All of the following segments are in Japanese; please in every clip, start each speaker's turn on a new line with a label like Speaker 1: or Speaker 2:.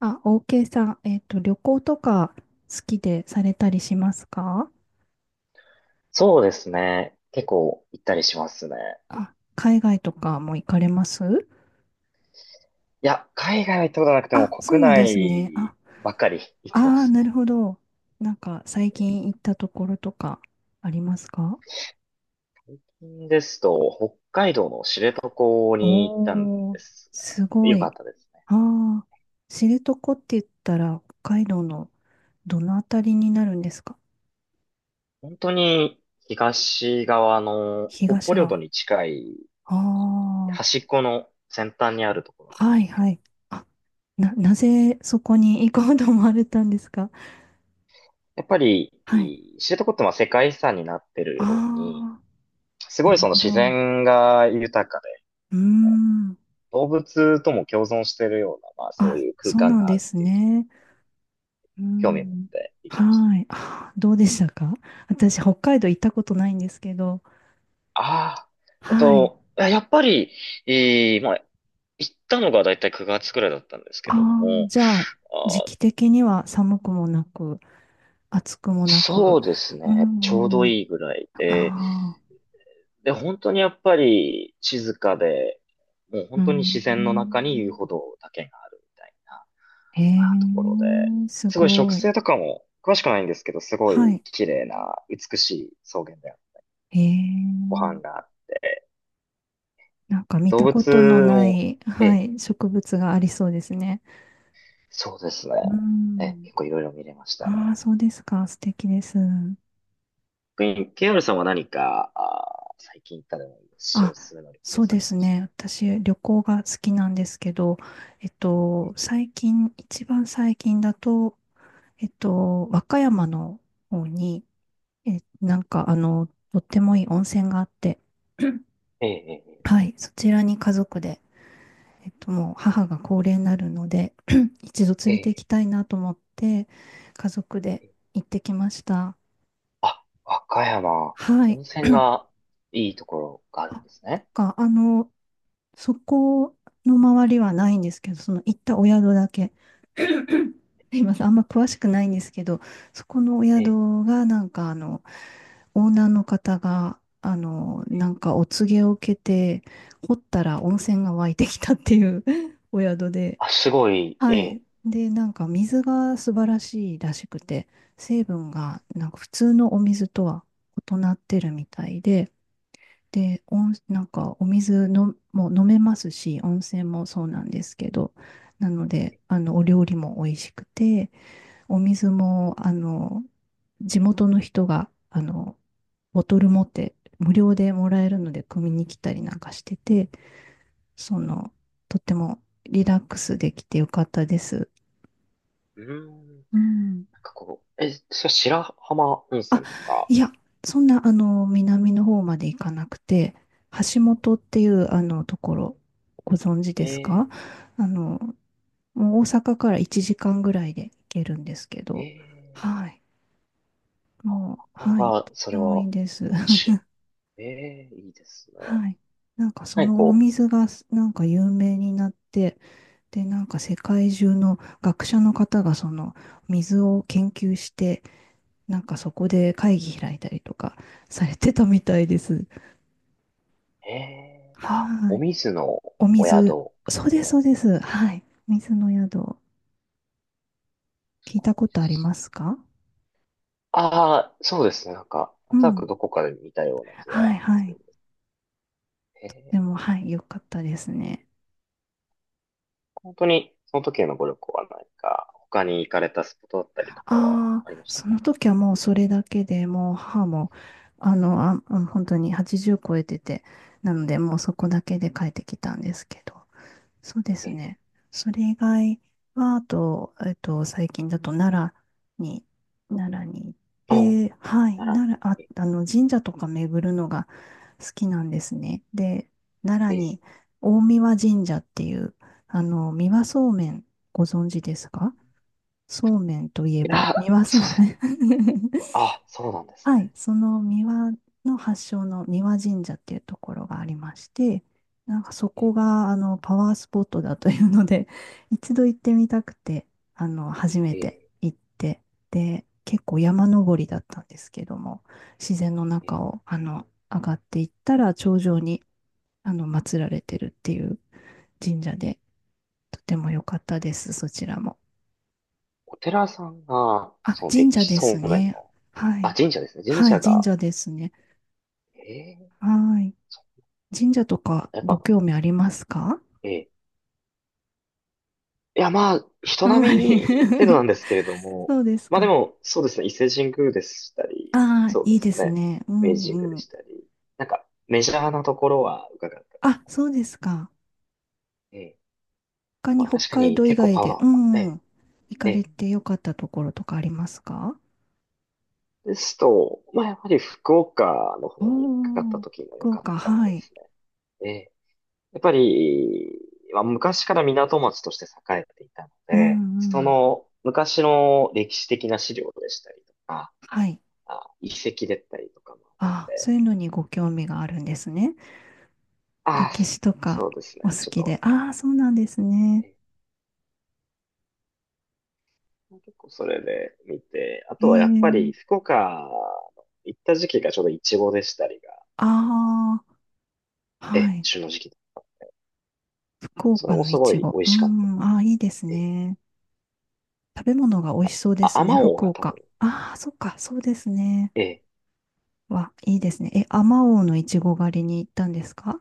Speaker 1: あ、OK さん、旅行とか好きでされたりしますか？
Speaker 2: そうですね。結構行ったりしますね。
Speaker 1: あ、海外とかも行かれます？
Speaker 2: いや、海外は行ったことなくても
Speaker 1: あ、そう
Speaker 2: 国
Speaker 1: なんですね。あ、
Speaker 2: 内ばっかり 行っ
Speaker 1: あ
Speaker 2: てま
Speaker 1: ー、
Speaker 2: す
Speaker 1: な
Speaker 2: ね。
Speaker 1: るほど。なんか、最
Speaker 2: 最
Speaker 1: 近行ったところとかありますか？
Speaker 2: 近ですと、北海道の知床に行ったん
Speaker 1: お
Speaker 2: で
Speaker 1: ー、
Speaker 2: すが、
Speaker 1: すご
Speaker 2: よか
Speaker 1: い。
Speaker 2: ったですね。
Speaker 1: あー、知床って言ったら、北海道のどのあたりになるんですか？
Speaker 2: 本当に東側の
Speaker 1: 東
Speaker 2: 北方領土
Speaker 1: 側。
Speaker 2: に近い
Speaker 1: ああ、
Speaker 2: 端っこの先端にあるところな
Speaker 1: は
Speaker 2: んで
Speaker 1: い
Speaker 2: すけ
Speaker 1: は
Speaker 2: ど、
Speaker 1: い。あ、なぜそこに行こうと思われたんですか？
Speaker 2: やっぱり
Speaker 1: はい。
Speaker 2: い知床ってまあ世界遺産になってる
Speaker 1: あ
Speaker 2: ように、
Speaker 1: あ、
Speaker 2: すご
Speaker 1: な
Speaker 2: い
Speaker 1: る
Speaker 2: その
Speaker 1: ほ
Speaker 2: 自
Speaker 1: ど。
Speaker 2: 然が豊か
Speaker 1: うーん。
Speaker 2: 動物とも共存しているような、まあそう
Speaker 1: あ、
Speaker 2: いう空
Speaker 1: そう
Speaker 2: 間
Speaker 1: なん
Speaker 2: があ
Speaker 1: で
Speaker 2: るっ
Speaker 1: す
Speaker 2: ていうと、
Speaker 1: ね。うー
Speaker 2: 興味を持っ
Speaker 1: ん。
Speaker 2: て行きました。
Speaker 1: はい。あー、どうでしたか？私、北海道行ったことないんですけど。
Speaker 2: ああ、
Speaker 1: はい。
Speaker 2: いややっぱり、えーまあ、行ったのがだいたい9月くらいだったんですけ
Speaker 1: あ
Speaker 2: ど
Speaker 1: あ、
Speaker 2: も、
Speaker 1: じゃあ、時
Speaker 2: あ
Speaker 1: 期
Speaker 2: ー、
Speaker 1: 的には寒くもなく、暑くもなく。
Speaker 2: そうです
Speaker 1: うー
Speaker 2: ね、ちょうど
Speaker 1: ん。
Speaker 2: いいぐらいで、
Speaker 1: ああ、
Speaker 2: で、本当にやっぱり静かで、もう
Speaker 1: うー
Speaker 2: 本当に自然の中に遊
Speaker 1: ん。
Speaker 2: 歩道だけがあるみたいなと
Speaker 1: へ
Speaker 2: ころで、
Speaker 1: え、す
Speaker 2: すごい植
Speaker 1: ごい。
Speaker 2: 生とかも詳しくないんですけど、すご
Speaker 1: は
Speaker 2: い
Speaker 1: い。
Speaker 2: 綺麗な美しい草原で
Speaker 1: へ
Speaker 2: ご飯
Speaker 1: え、
Speaker 2: が
Speaker 1: なんか見
Speaker 2: 動
Speaker 1: たことの
Speaker 2: 物
Speaker 1: な
Speaker 2: も、
Speaker 1: い、
Speaker 2: え
Speaker 1: は
Speaker 2: え、
Speaker 1: い、植物がありそうですね。
Speaker 2: そうですね。
Speaker 1: うー
Speaker 2: ええ、
Speaker 1: ん。
Speaker 2: 結構いろいろ見れましたね。
Speaker 1: ああ、そうですか。素敵です。
Speaker 2: 逆に KR さんは何か、あー、最近行ったでもいいですし、お
Speaker 1: あ、
Speaker 2: すすめの旅
Speaker 1: そ
Speaker 2: 行
Speaker 1: うで
Speaker 2: 先で
Speaker 1: す
Speaker 2: した？
Speaker 1: ね。私、旅行が好きなんですけど、
Speaker 2: え
Speaker 1: 最近、一番最近だと、和歌山の方に、なんか、あの、とってもいい温泉があって、
Speaker 2: え、ええ、
Speaker 1: はい、そちらに家族で、もう母が高齢になるので、一度
Speaker 2: え
Speaker 1: 連
Speaker 2: え、
Speaker 1: れて行
Speaker 2: ええ。
Speaker 1: きたいなと思って、家族で行ってきました。
Speaker 2: あ、和歌山、
Speaker 1: はい。
Speaker 2: 温泉がいいところがあ
Speaker 1: あ
Speaker 2: る
Speaker 1: な
Speaker 2: ん
Speaker 1: ん
Speaker 2: ですね。
Speaker 1: か、あの、そこの周りはないんですけど、その行ったお宿だけ。すいません、あんま詳しくないんですけど、そこのお
Speaker 2: ええ、
Speaker 1: 宿がなんかあの、オーナーの方が、あの、
Speaker 2: え
Speaker 1: な
Speaker 2: え
Speaker 1: んかお告げを受けて、掘ったら温泉が湧いてきたっていう お宿で、
Speaker 2: あ、すごい、
Speaker 1: は
Speaker 2: え
Speaker 1: い。
Speaker 2: え。
Speaker 1: で、なんか水が素晴らしいらしくて、成分がなんか普通のお水とは異なってるみたいで、で、なんかお水のもう飲めますし、温泉もそうなんですけど、なので、あの、お料理も美味しくて、お水も、あの、地元の人が、あの、ボトル持って無料でもらえるので、汲みに来たりなんかしてて、その、とってもリラックスできてよかったです。
Speaker 2: うーん、なん
Speaker 1: うん。
Speaker 2: かこう、そう白浜温
Speaker 1: あ、
Speaker 2: 泉とか、
Speaker 1: いや、そんな、あの、南の方まで行かなくて、橋本っていう、あの、ところ、ご存知
Speaker 2: え
Speaker 1: ですか？
Speaker 2: え、
Speaker 1: あの、もう大阪から1時間ぐらいで行けるんですけ
Speaker 2: え
Speaker 1: ど、
Speaker 2: え、
Speaker 1: はい。も
Speaker 2: なか
Speaker 1: う、
Speaker 2: な
Speaker 1: はい。と
Speaker 2: か、
Speaker 1: っ
Speaker 2: そ
Speaker 1: て
Speaker 2: れ
Speaker 1: もい
Speaker 2: は、
Speaker 1: いです。
Speaker 2: よ し、ええ、いいですね。
Speaker 1: はい。なんか、そ
Speaker 2: なんか
Speaker 1: のお
Speaker 2: こう、
Speaker 1: 水が、なんか有名になって、で、なんか世界中の学者の方がその水を研究して、なんかそこで会議開いたりとかされてたみたいです。
Speaker 2: ええあ、
Speaker 1: は
Speaker 2: お
Speaker 1: い。
Speaker 2: 水の
Speaker 1: お
Speaker 2: お
Speaker 1: 水。
Speaker 2: 宿
Speaker 1: そう
Speaker 2: み
Speaker 1: です、
Speaker 2: たいな。
Speaker 1: そうです。はい。水の宿。
Speaker 2: す
Speaker 1: 聞い
Speaker 2: ご
Speaker 1: た
Speaker 2: い
Speaker 1: こ
Speaker 2: で
Speaker 1: とあり
Speaker 2: す。
Speaker 1: ますか？
Speaker 2: ああ、そうですね。なんか、
Speaker 1: う
Speaker 2: なんとな
Speaker 1: ん。
Speaker 2: くどこかで見たような気
Speaker 1: は
Speaker 2: は
Speaker 1: い、は
Speaker 2: す
Speaker 1: い。
Speaker 2: る。え
Speaker 1: でも、
Speaker 2: え。
Speaker 1: はい、よかったですね。
Speaker 2: 本当に、その時へのご旅行は何か、他に行かれたスポットだったりとかは
Speaker 1: あ
Speaker 2: あり
Speaker 1: あ、
Speaker 2: ました
Speaker 1: そ
Speaker 2: か？
Speaker 1: の時はもうそれだけでもう母も、あの、あ、うん本当に80超えてて、なのでもうそこ
Speaker 2: え
Speaker 1: だけで帰ってきたんですけど。そうで
Speaker 2: え、
Speaker 1: す
Speaker 2: ええ、
Speaker 1: ね。それ以外は、あと、最近だと良に、奈良に行っ
Speaker 2: お、
Speaker 1: て、はい、
Speaker 2: ならぬ。
Speaker 1: 奈良、あ、
Speaker 2: え
Speaker 1: あの、神社とか巡るのが、好きなんですね。で、奈良
Speaker 2: え、え
Speaker 1: に大神神社っていう、あの、三輪そうめんご存知ですか？そうめんといえ
Speaker 2: え
Speaker 1: ば、
Speaker 2: あ、
Speaker 1: 三輪そう
Speaker 2: そうです
Speaker 1: め
Speaker 2: ね。
Speaker 1: ん。
Speaker 2: あ、そうなんです
Speaker 1: はい、
Speaker 2: ね。
Speaker 1: その三輪の発祥の三輪神社っていうところがありまして、なんかそ
Speaker 2: え
Speaker 1: こ
Speaker 2: え、
Speaker 1: があのパワースポットだというので、一度行ってみたくて、あの初め
Speaker 2: え
Speaker 1: て
Speaker 2: え、
Speaker 1: 行って、で、結構山登りだったんですけども、自然の
Speaker 2: ええ、
Speaker 1: 中をあの上がっていったら頂上にあの祀られてるっていう神社で、とても良かったです、そちらも。
Speaker 2: お寺さんが、
Speaker 1: あ、
Speaker 2: その
Speaker 1: 神
Speaker 2: 歴
Speaker 1: 社
Speaker 2: 史
Speaker 1: で
Speaker 2: そ
Speaker 1: す
Speaker 2: うめん
Speaker 1: ね。
Speaker 2: の、
Speaker 1: は
Speaker 2: あ、
Speaker 1: い。
Speaker 2: 神社ですね。神
Speaker 1: はい、
Speaker 2: 社
Speaker 1: 神
Speaker 2: が、
Speaker 1: 社ですね。
Speaker 2: ええ、
Speaker 1: はい。
Speaker 2: そ
Speaker 1: 神社とか
Speaker 2: うやっ
Speaker 1: ご
Speaker 2: ぱ、
Speaker 1: 興味ありますか？
Speaker 2: ええ、いや、まあ、人
Speaker 1: あんま
Speaker 2: 並み
Speaker 1: り。
Speaker 2: に程度なんですけれど も、
Speaker 1: そうです
Speaker 2: まあで
Speaker 1: か。
Speaker 2: も、そうですね、伊勢神宮でしたり、
Speaker 1: ああ、
Speaker 2: そう
Speaker 1: い
Speaker 2: で
Speaker 1: いで
Speaker 2: す
Speaker 1: す
Speaker 2: ね、
Speaker 1: ね。う
Speaker 2: 明治神宮
Speaker 1: んう
Speaker 2: でし
Speaker 1: ん。
Speaker 2: たり、なんか、メジャーなところは伺った。
Speaker 1: あ、そうですか。
Speaker 2: ええ。
Speaker 1: 他
Speaker 2: ま
Speaker 1: に
Speaker 2: あ
Speaker 1: 北
Speaker 2: 確か
Speaker 1: 海
Speaker 2: に
Speaker 1: 道以
Speaker 2: 結構
Speaker 1: 外
Speaker 2: パ
Speaker 1: で、う
Speaker 2: ワー、え
Speaker 1: んうん。行か
Speaker 2: え、え
Speaker 1: れ
Speaker 2: え。
Speaker 1: てよかったところとかありますか？
Speaker 2: ですと、まあやっぱり福岡の
Speaker 1: お
Speaker 2: 方にかかった
Speaker 1: お、
Speaker 2: 時が良
Speaker 1: 福
Speaker 2: かっ
Speaker 1: 岡、
Speaker 2: たで
Speaker 1: はい。
Speaker 2: すね。ええ。やっぱり、まあ昔から港町として栄えていたの
Speaker 1: うん
Speaker 2: で、
Speaker 1: う
Speaker 2: そ
Speaker 1: ん。
Speaker 2: の昔の歴史的な資料でしたりとか、
Speaker 1: はい。
Speaker 2: あ、遺跡だったりとかもあっ
Speaker 1: ああ、そうい
Speaker 2: て、
Speaker 1: うのにご興味があるんですね。
Speaker 2: ああ、
Speaker 1: 歴史とか
Speaker 2: そうですね。
Speaker 1: お好
Speaker 2: ちょっ
Speaker 1: きで。
Speaker 2: と、
Speaker 1: ああ、そうなんですね。
Speaker 2: え結構それで見て、あ
Speaker 1: え
Speaker 2: とはやっぱり
Speaker 1: え。
Speaker 2: 福岡の行った時期がちょうどイチゴでしたりが、
Speaker 1: ああ、はい。
Speaker 2: 旬の時期。
Speaker 1: 福
Speaker 2: それ
Speaker 1: 岡
Speaker 2: も
Speaker 1: の
Speaker 2: す
Speaker 1: い
Speaker 2: ご
Speaker 1: ち
Speaker 2: い
Speaker 1: ご。
Speaker 2: 美味
Speaker 1: うー
Speaker 2: しかっ
Speaker 1: ん、
Speaker 2: た。
Speaker 1: ああ、いいです
Speaker 2: え、
Speaker 1: ね。食べ物が美味
Speaker 2: か
Speaker 1: しそうで
Speaker 2: あ、
Speaker 1: す
Speaker 2: あ
Speaker 1: ね、
Speaker 2: まおう
Speaker 1: 福
Speaker 2: が多
Speaker 1: 岡。
Speaker 2: 分、
Speaker 1: ああ、そっか、そうですね。
Speaker 2: え、
Speaker 1: わ、いいですね。え、あまおうのいちご狩りに行ったんですか？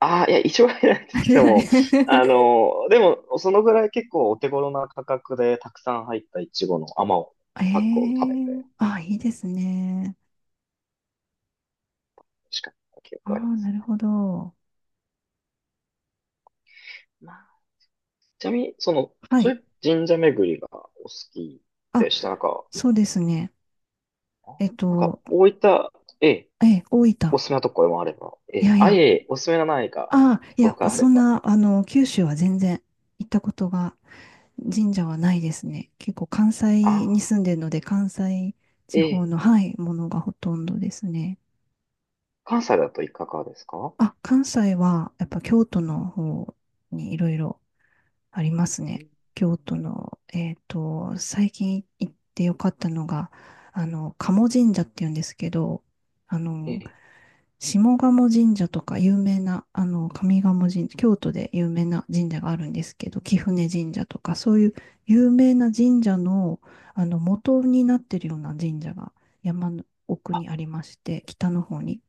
Speaker 2: ああ、いや、一応入らないです け
Speaker 1: 出
Speaker 2: ど
Speaker 1: ない。
Speaker 2: も、あのでも、そのぐらい結構お手頃な価格でたくさん入ったイチゴの甘を
Speaker 1: え
Speaker 2: パックを食べ
Speaker 1: え、
Speaker 2: て
Speaker 1: ああ、いいですね。
Speaker 2: 美味しかった記
Speaker 1: あ
Speaker 2: 憶がありま
Speaker 1: あ、な
Speaker 2: す。
Speaker 1: るほど。
Speaker 2: まあちなみに、その、
Speaker 1: は
Speaker 2: そ
Speaker 1: い。
Speaker 2: ういう神社巡りがお好き
Speaker 1: あ、
Speaker 2: でした。なんか、
Speaker 1: そうですね。
Speaker 2: あ
Speaker 1: えっ
Speaker 2: なんか、
Speaker 1: と、
Speaker 2: こういった、ええ、
Speaker 1: え、大分。
Speaker 2: おすすめなところもあれば、え
Speaker 1: い
Speaker 2: え、
Speaker 1: やい
Speaker 2: あ、い
Speaker 1: や、
Speaker 2: えいえ、おすすめのないか、
Speaker 1: ああ、
Speaker 2: と
Speaker 1: い
Speaker 2: ころ
Speaker 1: や、
Speaker 2: があれ
Speaker 1: そん
Speaker 2: ば、
Speaker 1: な、あの、九州は全然行ったことが、神社はないですね。結構関
Speaker 2: あ
Speaker 1: 西に住ん
Speaker 2: あ、
Speaker 1: でるので、関西地
Speaker 2: え
Speaker 1: 方
Speaker 2: え、
Speaker 1: の、はい、ものがほとんどですね。
Speaker 2: 関西だといかがですか？
Speaker 1: あ、関西は、やっぱ京都の方にいろいろあります
Speaker 2: うん、
Speaker 1: ね。京都の、最近行ってよかったのが、あの、賀茂神社っていうんですけど、あ
Speaker 2: え
Speaker 1: の、
Speaker 2: え、
Speaker 1: 下鴨神社とか有名な、あの、上鴨神社、京都で有名な神社があるんですけど、貴船神社とか、そういう有名な神社の、あの、元になってるような神社が山の奥にありまして、北の方に。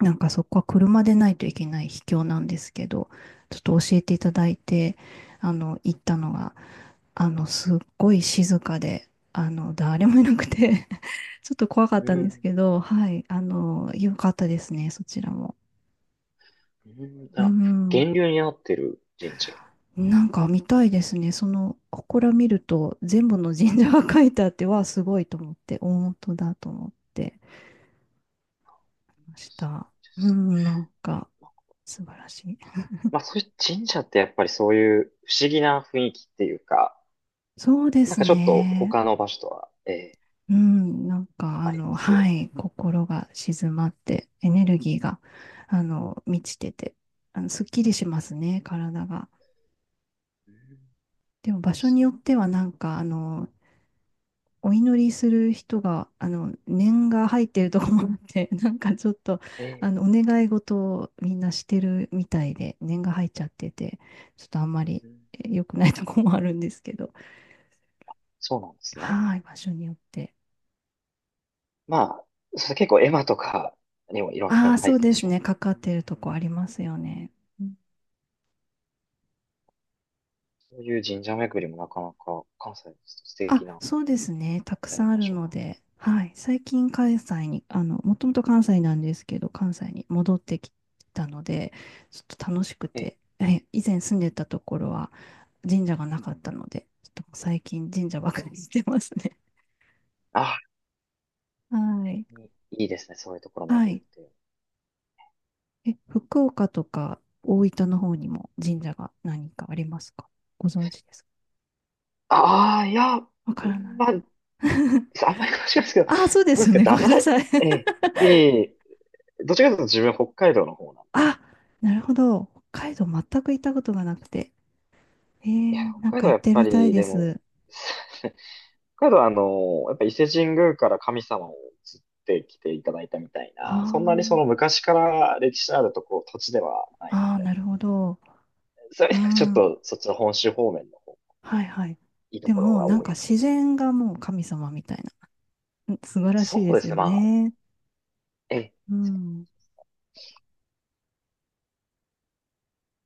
Speaker 1: なんかそこは車でないといけない秘境なんですけど、ちょっと教えていただいて、あの、行ったのが、あの、すっごい静かで、あの、誰もいなくて、 ちょっと怖かっ
Speaker 2: う
Speaker 1: たんです
Speaker 2: ん、
Speaker 1: けど、はい、あの、良かったですね、そちらも。
Speaker 2: うん、
Speaker 1: う
Speaker 2: あ、
Speaker 1: ん。
Speaker 2: 源流になってる神社で
Speaker 1: なんか見たいですね。その、ここら見ると、全部の神社が書いてあって、わあ、すごいと思って、大本だと思ってまし
Speaker 2: すご
Speaker 1: た。
Speaker 2: いで
Speaker 1: う
Speaker 2: す。
Speaker 1: ん、なんか、素晴らしい。
Speaker 2: まあ、そういう神社ってやっぱりそういう不思議な雰囲気っていうか、
Speaker 1: そうで
Speaker 2: なん
Speaker 1: す
Speaker 2: かちょっと
Speaker 1: ね。
Speaker 2: 他の場所とは、ええ、
Speaker 1: うん、なんか、あ
Speaker 2: あり
Speaker 1: の、
Speaker 2: ますよ
Speaker 1: は
Speaker 2: ね。
Speaker 1: い、心が静まって、エネルギーが、あの、満ちてて、あの、すっきりしますね、体が。
Speaker 2: うん、
Speaker 1: でも、場所によっては、なんか、あの、お祈りする人が、あの、念が入ってるとこもあって、なんかちょっと、あ
Speaker 2: え
Speaker 1: の、お
Speaker 2: え、
Speaker 1: 願い事をみんなしてるみたいで、念が入っちゃってて、ちょっとあんまり
Speaker 2: うん、
Speaker 1: 良くないとこもあるんですけど、
Speaker 2: そうなんですね。
Speaker 1: はい、場所によって。
Speaker 2: まあ、それ結構絵馬とかにもいろんな
Speaker 1: ああ、
Speaker 2: の書
Speaker 1: そ
Speaker 2: い
Speaker 1: う
Speaker 2: てた
Speaker 1: で
Speaker 2: り
Speaker 1: す
Speaker 2: します
Speaker 1: ね、
Speaker 2: ね。
Speaker 1: かかってるとこありますよね。
Speaker 2: そういう神社巡りもなかなか関西ですと素
Speaker 1: あ、
Speaker 2: 敵な
Speaker 1: そうですね。たくさんあ
Speaker 2: 場
Speaker 1: る
Speaker 2: 所
Speaker 1: の
Speaker 2: が。
Speaker 1: で、はい。最近関西に、あの、もともと関西なんですけど、関西に戻ってきたので、ちょっと楽しく
Speaker 2: え、
Speaker 1: て、以前住んでたところは神社がなかったので、ちょっと最近神社ばかりにしてますね。
Speaker 2: あ、
Speaker 1: はい。
Speaker 2: いいいですね。そういうところ
Speaker 1: は
Speaker 2: 巡る
Speaker 1: い。
Speaker 2: っていう。
Speaker 1: 福岡とか大分の方にも神社が何かありますか？ご存知ですか？
Speaker 2: ああ、いや、
Speaker 1: わか
Speaker 2: う
Speaker 1: ら
Speaker 2: ん、
Speaker 1: ない。
Speaker 2: まあ、あんまり詳しくないですけど、ど
Speaker 1: あ、そうで
Speaker 2: うで
Speaker 1: す
Speaker 2: す
Speaker 1: よ
Speaker 2: か、
Speaker 1: ね。ご
Speaker 2: ダ
Speaker 1: めん
Speaker 2: サ
Speaker 1: な
Speaker 2: い。
Speaker 1: さい。
Speaker 2: ええ、いえいえ、どっちらかというと自分北海道の方なんで。
Speaker 1: あ、なるほど。北海道全く行ったことがなくて。
Speaker 2: いや、
Speaker 1: なん
Speaker 2: 北海
Speaker 1: か
Speaker 2: 道は
Speaker 1: 行
Speaker 2: や
Speaker 1: っ
Speaker 2: っ
Speaker 1: て
Speaker 2: ぱ
Speaker 1: みたい
Speaker 2: り、
Speaker 1: で
Speaker 2: でも、
Speaker 1: す。
Speaker 2: 北海道はあの、やっぱ伊勢神宮から神様を移ってきていただいたみたいな、そんなにその
Speaker 1: あ
Speaker 2: 昔から歴史のあるとこ、土地ではないの
Speaker 1: あ、ああ、なるほど。
Speaker 2: で、それ
Speaker 1: う
Speaker 2: ちょっ
Speaker 1: ん。
Speaker 2: とそっちの本州方面の方
Speaker 1: はいはい。
Speaker 2: いいと
Speaker 1: で
Speaker 2: ころ
Speaker 1: も、
Speaker 2: が
Speaker 1: なん
Speaker 2: 多
Speaker 1: か
Speaker 2: いかも
Speaker 1: 自
Speaker 2: しれない。
Speaker 1: 然がもう神様みたいな。うん、素晴らしい
Speaker 2: そ
Speaker 1: で
Speaker 2: うで
Speaker 1: す
Speaker 2: す
Speaker 1: よ
Speaker 2: ね、まあ、
Speaker 1: ね。
Speaker 2: え、
Speaker 1: うん。